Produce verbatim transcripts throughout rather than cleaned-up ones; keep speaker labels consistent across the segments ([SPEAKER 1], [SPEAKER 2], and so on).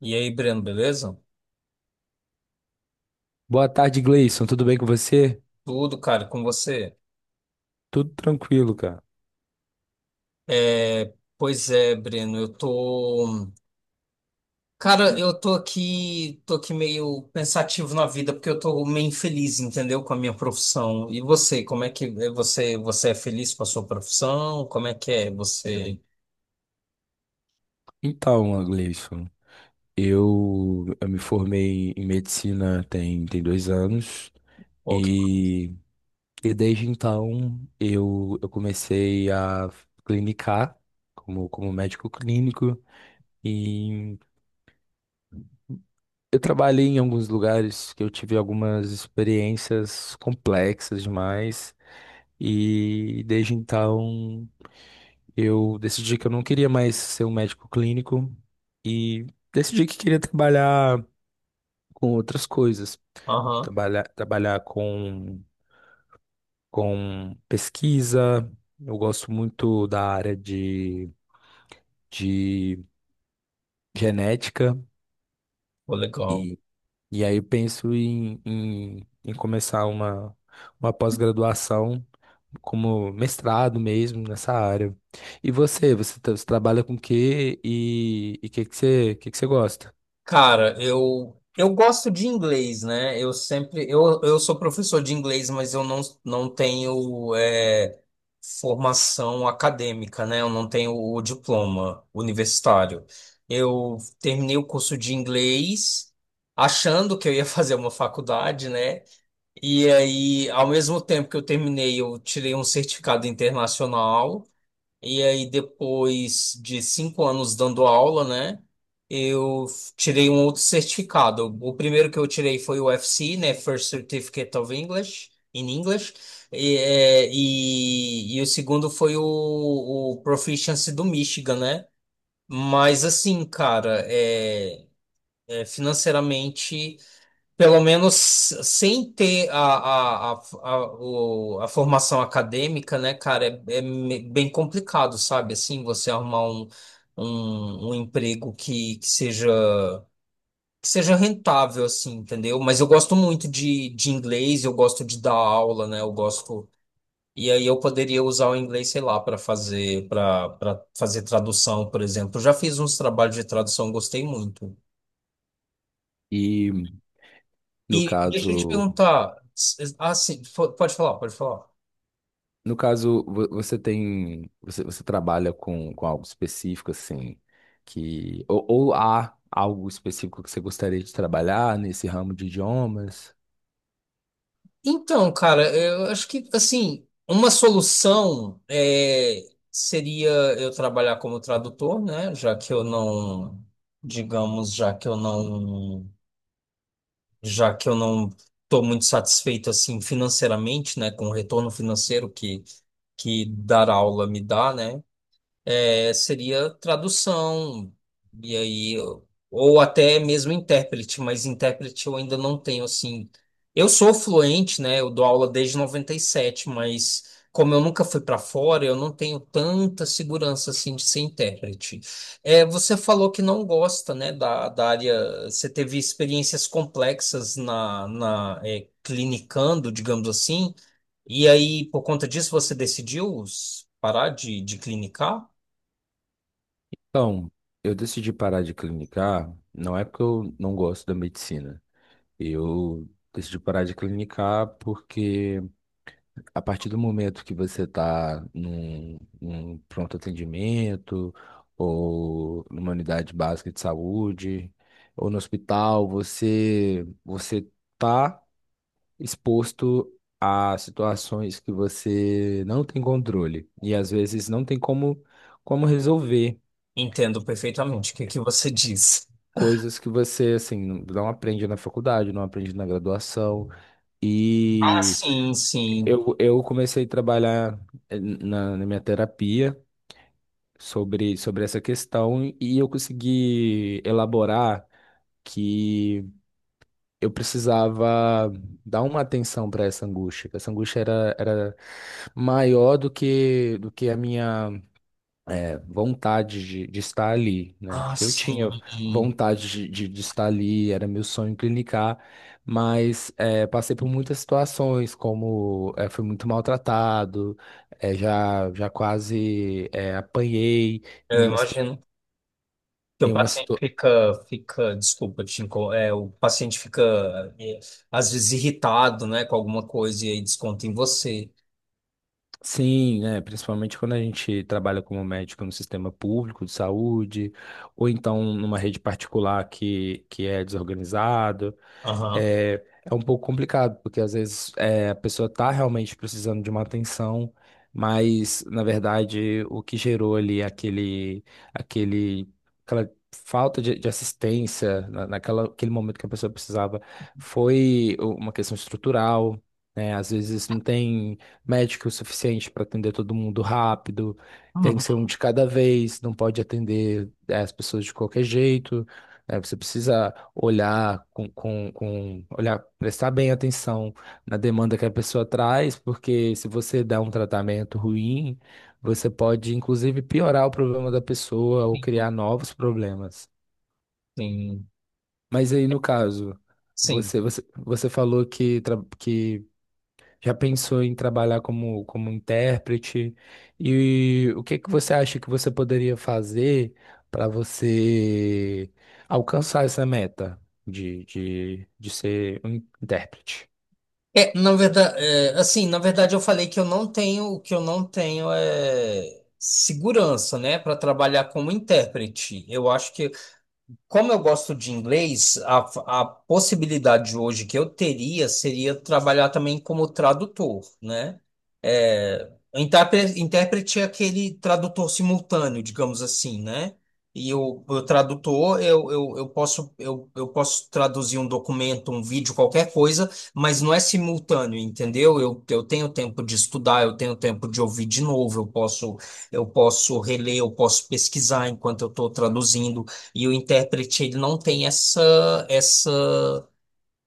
[SPEAKER 1] E aí, Breno, beleza?
[SPEAKER 2] Boa tarde, Gleison. Tudo bem com você?
[SPEAKER 1] Tudo, cara, com você?
[SPEAKER 2] Tudo tranquilo, cara.
[SPEAKER 1] É, pois é, Breno, eu tô. Cara, eu tô aqui, tô aqui meio pensativo na vida, porque eu tô meio infeliz, entendeu? Com a minha profissão. E você, como é que é você, você é feliz com a sua profissão? Como é que é você?
[SPEAKER 2] Então, Gleison, eu, eu me formei em medicina tem, tem dois anos
[SPEAKER 1] Pô, que-
[SPEAKER 2] e, e desde então eu, eu comecei a clinicar como, como médico clínico e eu trabalhei em alguns lugares que eu tive algumas experiências complexas demais. E desde então, eu decidi que eu não queria mais ser um médico clínico e decidi que queria trabalhar com outras coisas.
[SPEAKER 1] Aham,
[SPEAKER 2] Trabalhar, trabalhar com, com pesquisa. Eu gosto muito da área de, de genética
[SPEAKER 1] pô, legal.
[SPEAKER 2] e, e aí eu penso em, em, em começar uma, uma pós-graduação como mestrado mesmo nessa área. E você, você, tra- você trabalha com o quê? E o que que você, que que você gosta?
[SPEAKER 1] Cara, eu eu gosto de inglês, né? Eu sempre eu, eu sou professor de inglês, mas eu não, não tenho é, formação acadêmica, né? Eu não tenho o diploma universitário. Eu terminei o curso de inglês achando que eu ia fazer uma faculdade, né? E aí, ao mesmo tempo que eu terminei, eu tirei um certificado internacional. E aí, depois de cinco anos dando aula, né? Eu tirei um outro certificado. O primeiro que eu tirei foi o F C, né? First Certificate of English, in English. E, é, e, e o segundo foi o, o Proficiency do Michigan, né? Mas assim, cara, é, é, financeiramente. Pelo menos sem ter a, a, a, a, o- a formação acadêmica, né, cara, é, é me- bem complicado, sabe? Assim, você arrumar um, um, um emprego que, que seja, que seja rentável, assim, entendeu? Mas eu gosto muito de, de inglês, eu gosto de dar aula, né? Eu gosto. E aí eu poderia usar o inglês, sei lá, para fazer, para para fazer tradução, por exemplo. Eu já fiz uns trabalhos de tradução, gostei muito.
[SPEAKER 2] E no
[SPEAKER 1] E deixa eu te
[SPEAKER 2] caso,
[SPEAKER 1] perguntar. s- Ah, sim, fo- pode falar, pode falar.
[SPEAKER 2] no caso vo- você tem, você, você trabalha com, com algo específico assim, que ou, ou há algo específico que você gostaria de trabalhar nesse ramo de idiomas?
[SPEAKER 1] Então, cara, eu acho que, assim, uma solução é, seria eu trabalhar como tradutor, né? Já que eu não, digamos, já que eu não, já que eu não estou muito satisfeito, assim, financeiramente, né? Com o retorno financeiro que, que dar aula me dá, né? é, seria tradução, e aí, ou até mesmo intérprete, mas intérprete eu ainda não tenho, assim. Eu sou fluente, né? Eu dou aula desde noventa e sete, mas como eu nunca fui para fora, eu não tenho tanta segurança, assim, de ser intérprete. É, você falou que não gosta, né, da, da área, você teve experiências complexas na, na, é, clinicando, digamos assim, e aí, por conta disso, você decidiu s- parar de, de clinicar?
[SPEAKER 2] Então, eu decidi parar de clinicar, não é porque eu não gosto da medicina. Eu decidi parar de clinicar porque, a partir do momento que você está num, num pronto atendimento, ou numa unidade básica de saúde, ou no hospital, você você está exposto a situações que você não tem controle e às vezes não tem como como resolver
[SPEAKER 1] Entendo perfeitamente o que que você diz.
[SPEAKER 2] coisas que você assim não não aprende na faculdade, não aprende na graduação.
[SPEAKER 1] Ah,
[SPEAKER 2] E
[SPEAKER 1] sim, sim.
[SPEAKER 2] eu, eu comecei a trabalhar, eh, na na minha terapia, sobre, sobre essa questão, e eu consegui elaborar que eu precisava dar uma atenção para essa angústia. Que Essa angústia era, era maior do que, do que a minha é, vontade de, de estar ali, né?
[SPEAKER 1] Ah,
[SPEAKER 2] Porque eu tinha
[SPEAKER 1] sim.
[SPEAKER 2] vontade de, de, de estar ali, era meu sonho clinicar, mas, é, passei por muitas situações, como, é, fui muito maltratado, é, já, já quase, é, apanhei em
[SPEAKER 1] Eu
[SPEAKER 2] uma
[SPEAKER 1] imagino que o
[SPEAKER 2] Em uma
[SPEAKER 1] paciente
[SPEAKER 2] situa...
[SPEAKER 1] fica, fica, desculpa, te inco- é, o paciente fica é, às vezes irritado, né, com alguma coisa e aí desconta em você.
[SPEAKER 2] Sim, né? Principalmente quando a gente trabalha como médico no sistema público de saúde, ou então numa rede particular que, que é desorganizado.
[SPEAKER 1] Aham.
[SPEAKER 2] é, é um pouco complicado, porque às vezes, é, a pessoa está realmente precisando de uma atenção, mas na verdade o que gerou ali aquele, aquele, aquela falta de, de assistência na, naquela, aquele momento que a pessoa precisava foi uma questão estrutural. Né? Às vezes não tem médico o suficiente para atender todo mundo rápido, tem que
[SPEAKER 1] Uhum.
[SPEAKER 2] ser um de cada vez, não pode atender, eh, as pessoas de qualquer jeito, né? Você precisa olhar com, com, com olhar, prestar bem atenção na demanda que a pessoa traz, porque se você dá um tratamento ruim, você pode inclusive piorar o problema da pessoa ou criar novos problemas.
[SPEAKER 1] Sim,
[SPEAKER 2] Mas aí, no caso,
[SPEAKER 1] sim.
[SPEAKER 2] você você, você falou que, tra- que já pensou em trabalhar como, como intérprete? E o que que você acha que você poderia fazer para você alcançar essa meta de, de, de ser um intérprete?
[SPEAKER 1] É, na verdade, assim, na verdade eu falei que eu não tenho, o que eu não tenho é segurança, né, para trabalhar como intérprete. Eu acho que como eu gosto de inglês, a, a possibilidade hoje que eu teria seria trabalhar também como tradutor, né? É, O intérpre- intérprete é aquele tradutor simultâneo, digamos assim, né? E o, o tradutor, eu, eu, eu posso, eu, eu posso traduzir um documento, um vídeo, qualquer coisa, mas não é simultâneo, entendeu? Eu, eu tenho tempo de estudar, eu tenho tempo de ouvir de novo, eu posso, eu posso, reler, eu posso pesquisar enquanto eu estou traduzindo. E o intérprete, ele não tem essa, essa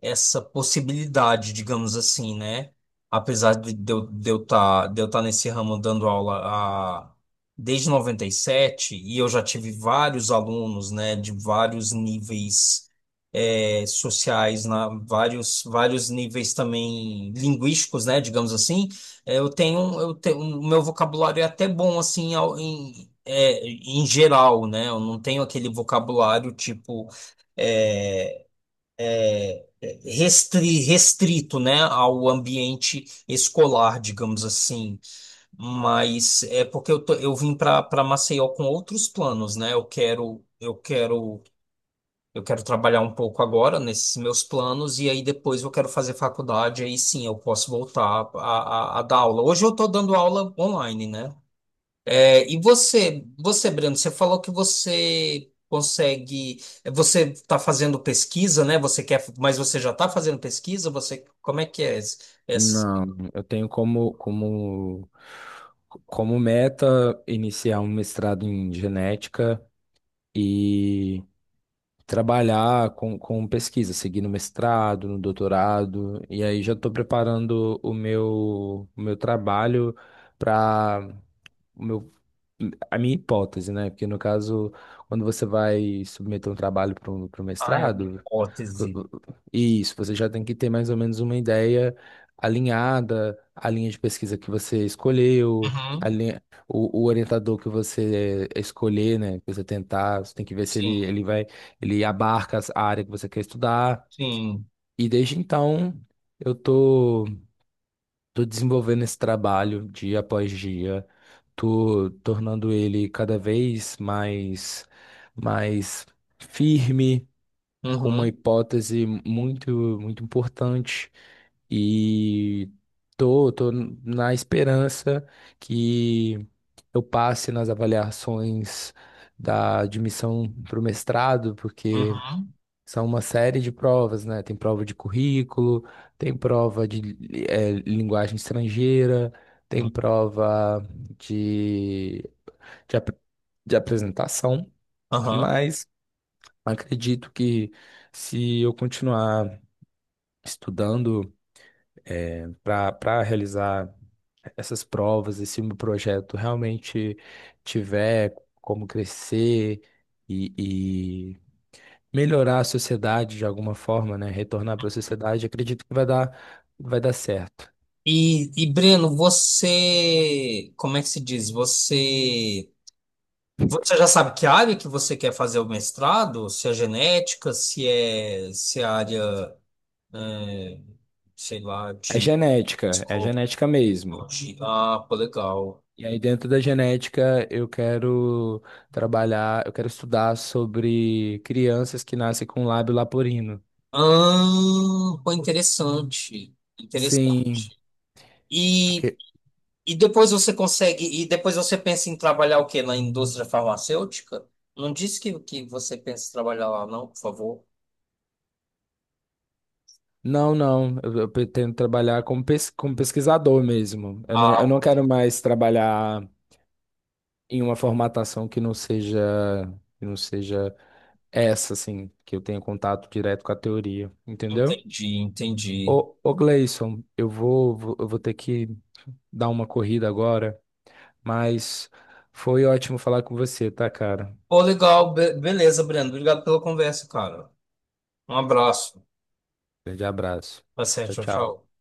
[SPEAKER 1] essa possibilidade, digamos assim, né? Apesar de de eu de eu tá, de eu tá nesse ramo dando aula a, desde noventa e sete, e sete, e eu já tive vários alunos, né, de vários níveis é, sociais, na, vários, vários níveis também linguísticos, né, digamos assim, é, eu tenho, eu tenho, o meu vocabulário é até bom, assim, ao- em, é, em geral, né, eu não tenho aquele vocabulário, tipo, restri- restrito, né, ao ambiente escolar, digamos assim. Mas é porque eu, tô- eu vim para para Maceió com outros planos, né? Eu quero eu quero eu quero trabalhar um pouco agora nesses meus planos e aí depois eu quero fazer faculdade, aí sim eu posso voltar a, a, a dar aula. Hoje eu estou dando aula online, né? É, e você, você, Breno, você falou que você consegue, é, você está fazendo pesquisa, né? Você quer, mas você já está fazendo pesquisa? Você, como é que é esse- essa?
[SPEAKER 2] Não, eu tenho como, como, como meta iniciar um mestrado em genética e trabalhar com, com pesquisa, seguir no mestrado, no doutorado, e aí já estou preparando o meu, o meu trabalho para a minha hipótese, né? Porque no caso, quando você vai submeter um trabalho para o
[SPEAKER 1] Ah, é uma
[SPEAKER 2] mestrado, vo-
[SPEAKER 1] hipótese.
[SPEAKER 2] vo- isso, você já tem que ter mais ou menos uma ideia alinhada, a linha de pesquisa que você escolheu, a
[SPEAKER 1] Uhum,
[SPEAKER 2] linha, o, o orientador que você escolher, né? Que você tentar, você tem que ver se
[SPEAKER 1] sim,
[SPEAKER 2] ele, ele vai, ele abarca as- a área que você quer estudar.
[SPEAKER 1] sim.
[SPEAKER 2] E desde então, eu tô. Tô desenvolvendo esse trabalho dia após dia, tô tornando ele cada vez mais, mais firme, com uma
[SPEAKER 1] Uhum,
[SPEAKER 2] hipótese muito, muito importante, e tô, tô na esperança que eu passe nas avaliações da admissão para o mestrado, porque
[SPEAKER 1] uhum,
[SPEAKER 2] são uma série de provas, né? Tem prova de currículo, tem prova de, eh, linguagem estrangeira, tem prova de, de, ap- de apresentação,
[SPEAKER 1] uhum.
[SPEAKER 2] mas acredito que, se eu continuar estudando para para realizar essas provas, e se o meu projeto realmente tiver como crescer e, e melhorar a sociedade de alguma forma, né? Retornar para a sociedade, acredito que vai dar, vai dar certo.
[SPEAKER 1] E, e Breno, você, como é que se diz? Você, você já sabe que área que você quer fazer o mestrado? Se é genética, se é, se é área, é, sei lá,
[SPEAKER 2] É
[SPEAKER 1] de
[SPEAKER 2] genética, é
[SPEAKER 1] Discord.
[SPEAKER 2] genética mesmo.
[SPEAKER 1] Ah, pô, legal.
[SPEAKER 2] E aí, dentro da genética, eu quero trabalhar, eu quero estudar sobre crianças que nascem com lábio leporino.
[SPEAKER 1] Ah, pô, interessante.
[SPEAKER 2] Sim,
[SPEAKER 1] Interessante. E,
[SPEAKER 2] porque.
[SPEAKER 1] e depois você consegue. E depois você pensa em trabalhar o quê? Na indústria farmacêutica? Não disse que, que você pensa em trabalhar lá, não, por favor.
[SPEAKER 2] Não, não, eu, eu pretendo trabalhar como, pes, como pesquisador mesmo. Eu não, eu
[SPEAKER 1] Ah,
[SPEAKER 2] não quero mais trabalhar em uma formatação que não seja, que não seja, essa, assim, que eu tenho contato direto com a teoria, entendeu?
[SPEAKER 1] entendi, entendi.
[SPEAKER 2] Ô, ô Gleison, eu vou, vou- eu vou ter que dar uma corrida agora, mas foi ótimo falar com você, tá, cara?
[SPEAKER 1] Pô, legal. Be- beleza, Breno. Obrigado pela conversa, cara. Um abraço.
[SPEAKER 2] Grande abraço.
[SPEAKER 1] Tá certo,
[SPEAKER 2] Tchau,
[SPEAKER 1] tchau,
[SPEAKER 2] tchau.
[SPEAKER 1] tchau.